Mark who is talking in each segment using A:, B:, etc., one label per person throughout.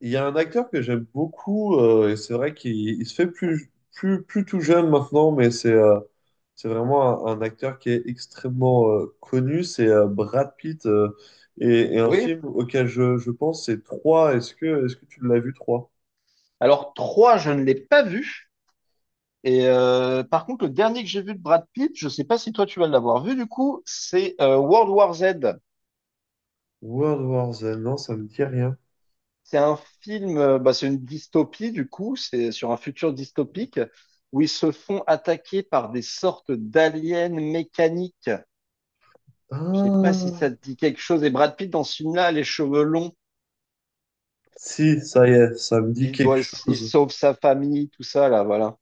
A: Il y a un acteur que j'aime beaucoup, et c'est vrai qu'il il se fait plus tout jeune maintenant, mais c'est vraiment un acteur qui est extrêmement connu, c'est Brad Pitt, et un
B: Oui.
A: film auquel je pense, c'est 3. Est-ce que tu l'as vu, trois?
B: Alors, 3, je ne l'ai pas vu. Par contre, le dernier que j'ai vu de Brad Pitt, je sais pas si toi tu vas l'avoir vu du coup, c'est World War Z.
A: World War Z, non, ça me dit rien.
B: C'est un film, bah, c'est une dystopie du coup, c'est sur un futur dystopique où ils se font attaquer par des sortes d'aliens mécaniques. Je sais pas si ça
A: Ah,
B: te dit quelque chose. Et Brad Pitt dans ce film-là, a les cheveux longs,
A: si, ça y est, ça me dit
B: il
A: quelque
B: doit, il
A: chose.
B: sauve sa famille, tout ça là, voilà.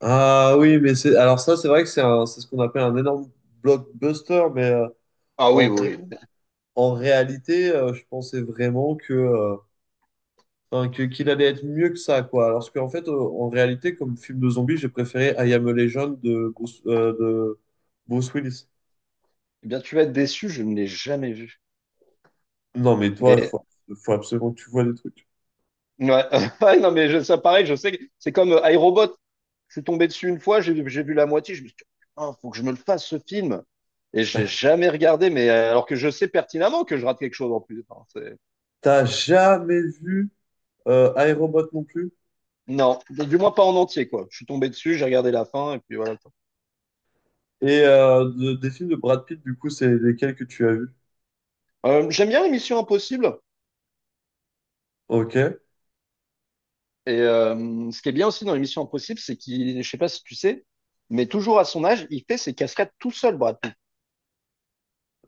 A: Ah oui, mais c'est alors ça, c'est vrai que c'est ce qu'on appelle un énorme blockbuster,
B: Ah oui,
A: en, ré-
B: oui, oui.
A: En réalité, je pensais vraiment qu'il allait être mieux que ça, quoi. Alors en réalité, comme film de zombie, j'ai préféré I Am a Legend de Bruce Willis.
B: Eh bien, tu vas être déçu, je ne l'ai jamais vu.
A: Non, mais toi,
B: Mais
A: faut absolument que tu vois des trucs.
B: ouais. Ouais, non, mais je- ça, pareil, je sais que c'est comme iRobot. Je suis tombé dessus une fois, j'ai vu la moitié, je me suis dit, oh, faut que je me le fasse ce film. Et j'ai jamais regardé, mais alors que je sais pertinemment que je rate quelque chose en plus. Enfin, c'est-
A: T'as jamais vu I, Robot non plus?
B: non, du moins pas en entier, quoi. Je suis tombé dessus, j'ai regardé la fin, et puis voilà.
A: Et des films de Brad Pitt, du coup, c'est lesquels que tu as vus?
B: J'aime bien l'émission Impossible.
A: Ok.
B: Ce qui est bien aussi dans l'émission Impossible, c'est qu'il, je sais pas si tu sais, mais toujours à son âge, il fait ses cascades tout seul, Brad Pitt.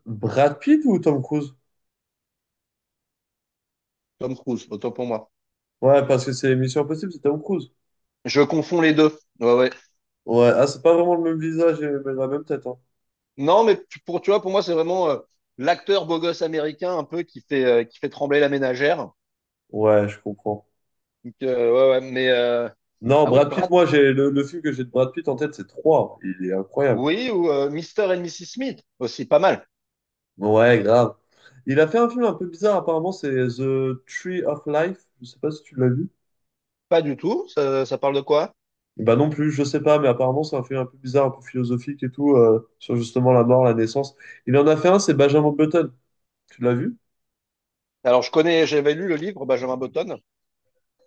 A: Brad Pitt ou Tom Cruise?
B: Tom Cruise, autant pour moi.
A: Ouais, parce que c'est Mission Impossible, c'est Tom Cruise.
B: Je confonds les deux. Ouais, ouais.
A: Ouais, ah, c'est pas vraiment le même visage et la même tête, hein.
B: Non, mais tu- pour, tu vois, pour moi, c'est vraiment l'acteur beau gosse américain un peu qui fait trembler la ménagère.
A: Ouais, je comprends.
B: Donc, ouais, ouais,
A: Non,
B: ah oui,
A: Brad Pitt,
B: Brad,
A: moi, j'ai le film que j'ai de Brad Pitt en tête, c'est trois. Il est incroyable.
B: oui, ou Mr. and Mrs. Smith aussi, pas mal.
A: Ouais, grave. Il a fait un film un peu bizarre, apparemment, c'est The Tree of Life. Je sais pas si tu l'as vu.
B: Pas du tout, ça parle de quoi?
A: Bah non plus, je sais pas, mais apparemment, c'est un film un peu bizarre, un peu philosophique et tout, sur justement la mort, la naissance. Il en a fait un, c'est Benjamin Button. Tu l'as vu?
B: Alors, je connais, j'avais lu le livre Benjamin Button,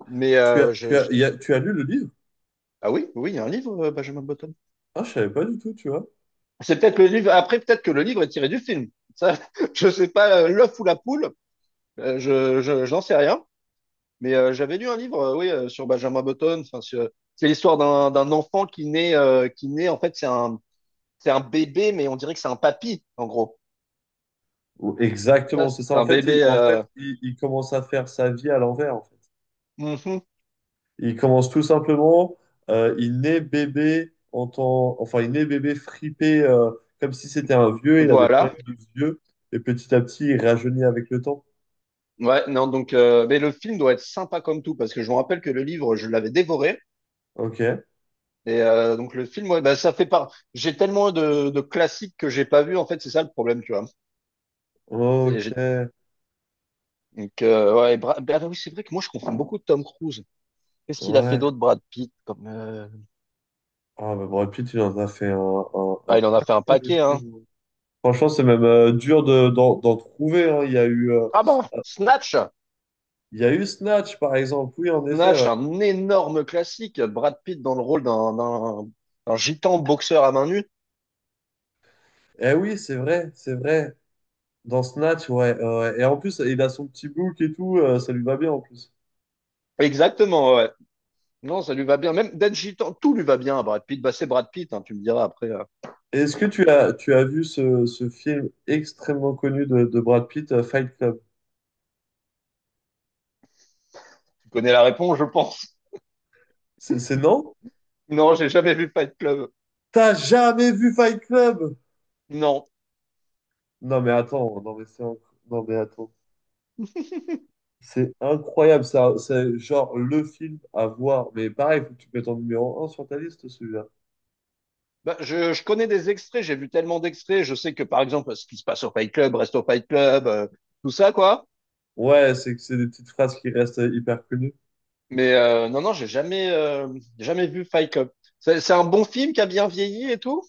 B: mais
A: Tu as,
B: je-
A: il y a- tu as lu le livre?
B: ah oui, oui, il y a un livre Benjamin Button.
A: Ah, je savais pas du tout, tu vois.
B: C'est peut-être le livre, après, peut-être que le livre est tiré du film. Ça, je sais pas, l'œuf ou la poule, je n'en sais rien. Mais j'avais lu un livre, oui, sur Benjamin Button. Enfin, sur- c'est l'histoire d'un enfant qui naît, qui naît. En fait, c'est un bébé, mais on dirait que c'est un papy, en gros.
A: Exactement,
B: Ça,
A: c'est
B: c'est
A: ça.
B: un bébé.
A: En fait, il commence à faire sa vie à l'envers, en fait.
B: Mhm.
A: Il commence tout simplement, il naît bébé enfin il naît bébé fripé comme si c'était un vieux, il a des
B: Voilà.
A: problèmes de vieux et petit à petit il rajeunit avec le temps.
B: Ouais, non, donc, mais le film doit être sympa comme tout, parce que je me rappelle que le livre, je l'avais dévoré.
A: Ok,
B: Donc le film, ouais, bah, ça fait part. J'ai tellement de classiques que j'ai pas vu. En fait, c'est ça le problème, tu vois. C'est-
A: ok,
B: j'ai- Donc, ouais, Bra- bah, oui, c'est vrai que moi, je confonds beaucoup de Tom Cruise. Qu'est-ce qu'il a fait
A: ouais.
B: d'autre, Brad Pitt, comme.
A: Ah bah Brad Pitt, il en a fait un
B: Ah, il en a fait un
A: paquet de
B: paquet, hein.
A: films. Franchement, c'est même dur d'en trouver, hein.
B: Ah ben, Snatch!
A: Il y a eu Snatch par exemple. Oui, en effet.
B: Snatch,
A: Ouais.
B: un énorme classique. Brad Pitt dans le rôle d'un gitan boxeur à main nue.
A: Eh oui, c'est vrai, c'est vrai. Dans Snatch, ouais, ouais. Et en plus, il a son petit bouc et tout, ça lui va bien en plus.
B: Exactement, ouais. Non, ça lui va bien. Même d'être gitan, tout lui va bien à Brad Pitt. Bah, c'est Brad Pitt, hein, tu me diras après.
A: Est-ce que tu as vu ce film extrêmement connu de Brad Pitt, Fight Club?
B: Tu connais la réponse, je pense.
A: C'est non?
B: Non, j'ai jamais vu Fight Club.
A: T'as jamais vu Fight Club?
B: Non.
A: Non mais attends, non mais c'est inc- non mais attends. C'est incroyable, ça, c'est genre le film à voir. Mais pareil, faut que tu te mettes en numéro 1 sur ta liste, celui-là.
B: Bah, je connais des extraits, j'ai vu tellement d'extraits. Je sais que, par exemple, ce qui se passe au Fight Club reste au Fight Club, tout ça, quoi.
A: Ouais, c'est que c'est des petites phrases qui restent hyper connues.
B: Mais non, non, j'ai jamais, jamais vu Fight Club. C'est un bon film qui a bien vieilli et tout?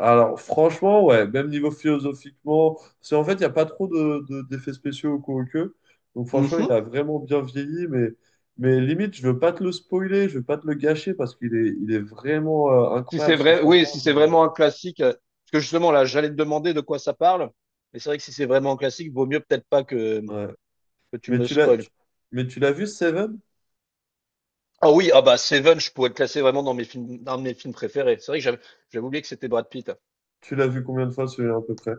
A: Alors, franchement, ouais, même niveau philosophiquement, parce qu'en fait, il n'y a pas trop d'effets spéciaux au coup au queue. Donc, franchement, il
B: Mhm.
A: a vraiment bien vieilli, mais limite, je veux pas te le spoiler, je veux pas te le gâcher parce il est vraiment
B: Si
A: incroyable
B: c'est
A: si je
B: vrai,
A: t'en
B: oui,
A: parle.
B: si c'est
A: Mais,
B: vraiment un classique, parce que justement là, j'allais te demander de quoi ça parle, mais c'est vrai que si c'est vraiment un classique, vaut mieux peut-être pas que,
A: ouais.
B: que tu
A: Mais
B: me le
A: tu l'as,
B: spoil.
A: tu- mais tu l'as vu, Seven?
B: Ah oui, ah bah Seven, je pourrais le classer vraiment dans mes films préférés. C'est vrai que j'avais, j'avais oublié que c'était Brad Pitt.
A: Tu l'as vu combien de fois celui-là à peu près?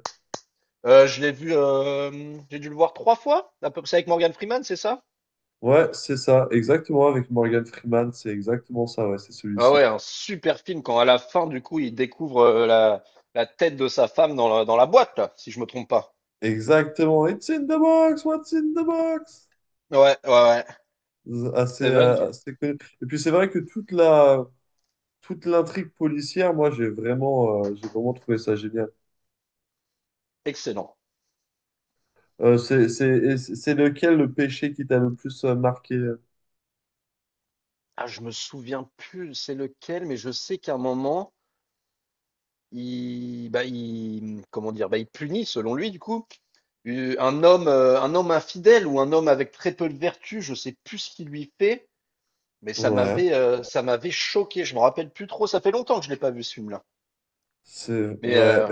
B: Je l'ai vu, j'ai dû le voir trois fois, à peu près avec Morgan Freeman, c'est ça?
A: Ouais, c'est ça, exactement, avec Morgan Freeman, c'est exactement ça, ouais, c'est
B: Ah
A: celui-ci.
B: ouais, un super film quand à la fin du coup il découvre la, la tête de sa femme dans la boîte là, si je me trompe pas.
A: Exactement, It's in the box, what's in the box?
B: Ouais, ouais, ouais. Seven, qui-
A: Assez connu. Et puis c'est vrai que toute l'intrigue policière, moi j'ai vraiment trouvé ça génial.
B: excellent.
A: C'est lequel le péché qui t'a le plus marqué?
B: Ah, je me souviens plus c'est lequel, mais je sais qu'à un moment, il, bah, il, comment dire, bah, il punit, selon lui, du coup, eu- un homme infidèle ou un homme avec très peu de vertu, je sais plus ce qu'il lui fait, mais
A: Ouais,
B: ça m'avait choqué. Je me rappelle plus trop. Ça fait longtemps que je l'ai pas vu ce film-là.
A: c'est
B: Mais
A: ouais.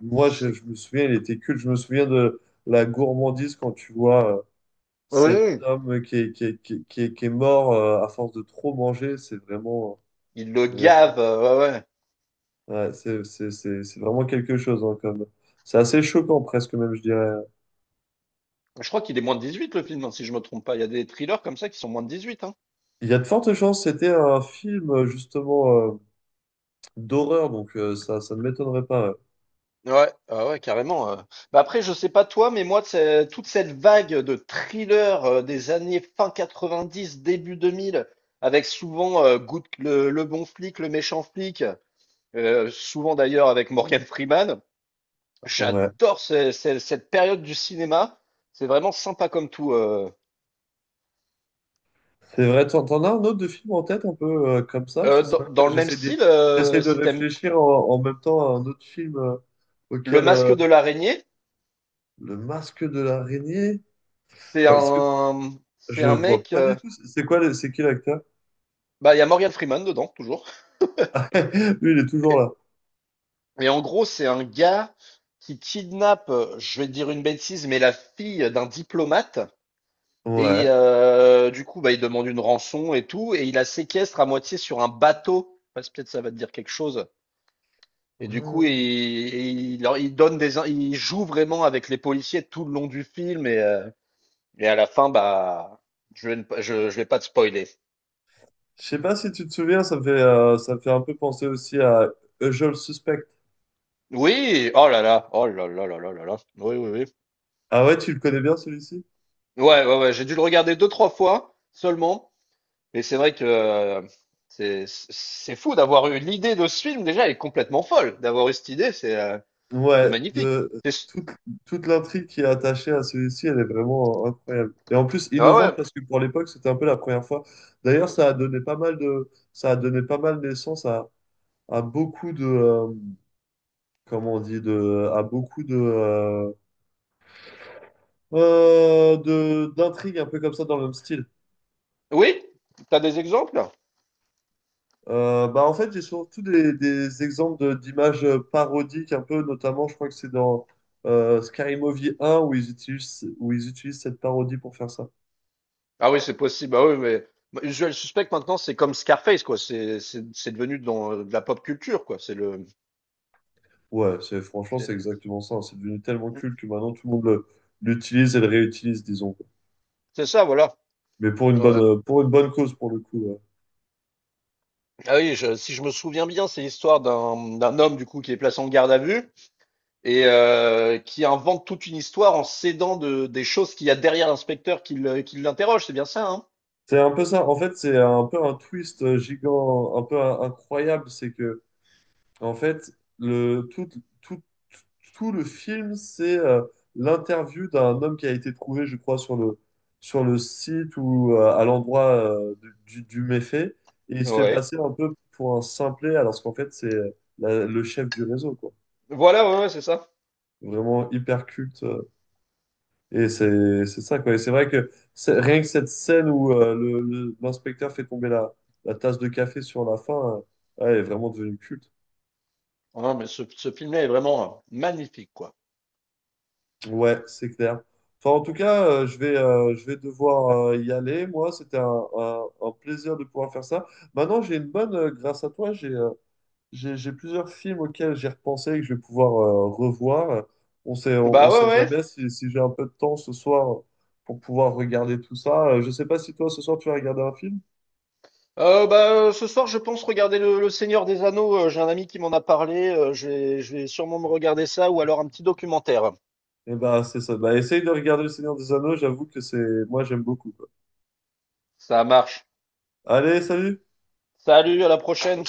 B: je sais.
A: Je me souviens, il était culte. Je me souviens de la gourmandise quand tu vois
B: Oui,
A: cet
B: oui,
A: homme qui est mort à force de trop manger. C'est vraiment
B: il le
A: vraiment
B: gave. Ouais, ouais.
A: ouais, c'est vraiment quelque chose hein, comme. C'est assez choquant presque même je dirais.
B: Je crois qu'il est moins de 18 le film, hein, si je me trompe pas. Il y a des thrillers comme ça qui sont moins de 18, hein.
A: Il y a de fortes chances, c'était un film justement d'horreur, ça ne m'étonnerait pas.
B: Ouais, ah ouais, carrément. Bah après, je sais pas toi, mais moi, c'est- toute cette vague de thrillers des années fin 90, début 2000, avec souvent Good- le bon flic, le méchant flic, souvent d'ailleurs avec Morgan Freeman,
A: Ouais. Ouais.
B: j'adore ce- ce- cette période du cinéma. C'est vraiment sympa comme tout.
A: C'est vrai, t'en as un autre de film en tête un peu comme ça? C'est
B: Dans,
A: vrai
B: dans
A: que
B: le même style,
A: j'essaie de
B: si t'aimes
A: réfléchir en même temps à un autre film
B: Le
A: auquel
B: Masque de l'araignée,
A: Le Masque de l'araignée.
B: c'est
A: Enfin, c'est-
B: un, c'est
A: je
B: un
A: vois
B: mec.
A: pas du tout. C'est quoi, c'est qui l'acteur?
B: Bah, il y a Morgan Freeman dedans, toujours.
A: Lui, il est toujours là.
B: Et en gros, c'est un gars qui kidnappe, je vais dire une bêtise, mais la fille d'un diplomate.
A: Ouais.
B: Du coup, bah, il demande une rançon et tout. Et il la séquestre à moitié sur un bateau. Parce que peut-être ça va te dire quelque chose. Et du coup,
A: Hmm.
B: il, leur- il donne des, in- il joue vraiment avec les policiers tout le long du film. Et à la fin, bah, je vais, ne pas- je vais pas te spoiler.
A: Je sais pas si tu te souviens, ça me fait un peu penser aussi à Usual Suspect.
B: Oui, oh là là, oh là là là là là là. Oui, oui, oui.
A: Ah ouais, tu le connais bien celui-ci?
B: Ouais, ouais, ouais, j'ai dû le regarder deux, trois fois seulement. Mais c'est vrai que c'est fou d'avoir eu l'idée de ce film déjà, elle est complètement folle. D'avoir eu cette idée, c'est
A: Ouais,
B: magnifique.
A: de,
B: C'est-
A: toute, toute l'intrigue qui est attachée à celui-ci, elle est vraiment incroyable. Et en plus,
B: Ah
A: innovante
B: ouais.
A: parce que pour l'époque, c'était un peu la première fois. D'ailleurs, ça a donné pas mal ça a donné pas mal naissance à beaucoup comment on dit, à beaucoup d'intrigues un peu comme ça dans le même style.
B: Oui? T'as des exemples?
A: Bah en fait, j'ai surtout des exemples d'images parodiques un peu, notamment, je crois que c'est dans Scary Movie 1 où ils utilisent cette parodie pour faire ça.
B: Ah oui, c'est possible. Ah oui, mais Usual Suspect maintenant, c'est comme Scarface, quoi. C'est devenu dans de la pop culture, quoi. C'est le
A: Ouais, c'est, franchement, c'est
B: c'est
A: exactement ça. C'est devenu tellement culte que maintenant tout le monde le- l'utilise et le réutilise, disons.
B: c'est ça, voilà.
A: Mais pour
B: Ouais.
A: pour une bonne cause, pour le coup, ouais.
B: Ah oui, je- si je me souviens bien, c'est l'histoire d'un homme du coup qui est placé en garde à vue qui invente toute une histoire en s'aidant de, des choses qu'il y a derrière l'inspecteur qui le- qui l'interroge. C'est bien ça, hein?
A: C'est un peu ça. En fait, c'est un peu un twist gigant, incroyable. C'est que, en fait, le, tout, tout, tout le film, c'est l'interview d'un homme qui a été trouvé, je crois, sur le site ou à l'endroit du méfait. Et il se fait
B: Ouais.
A: passer un peu pour un simplet, alors qu'en fait, c'est la- le chef du réseau, quoi.
B: Voilà, ouais, ouais, c'est ça.
A: Vraiment hyper culte. Et c'est ça, quoi. Et c'est vrai que rien que cette scène où l'inspecteur fait tomber la tasse de café sur la fin, ouais, elle est vraiment devenue culte.
B: Ah, mais ce film-là est vraiment magnifique, quoi.
A: Ouais, c'est clair. Enfin, en tout cas, je vais devoir y aller. Moi, c'était un plaisir de pouvoir faire ça. Maintenant, j'ai grâce à toi, j'ai plusieurs films auxquels j'ai repensé et que je vais pouvoir revoir.
B: Bah
A: On
B: ouais,
A: sait
B: ouais.
A: jamais si j'ai un peu de temps ce soir pour pouvoir regarder tout ça. Je sais pas si toi ce soir tu vas regarder un film.
B: Bah, ce soir, je pense regarder le Seigneur des Anneaux. J'ai un ami qui m'en a parlé. Je vais, je vais sûrement me regarder ça ou alors un petit documentaire.
A: Eh ben c'est ça. Bah, essaye de regarder Le Seigneur des Anneaux. J'avoue que c'est moi j'aime beaucoup quoi.
B: Ça marche.
A: Allez, salut!
B: Salut, à la prochaine.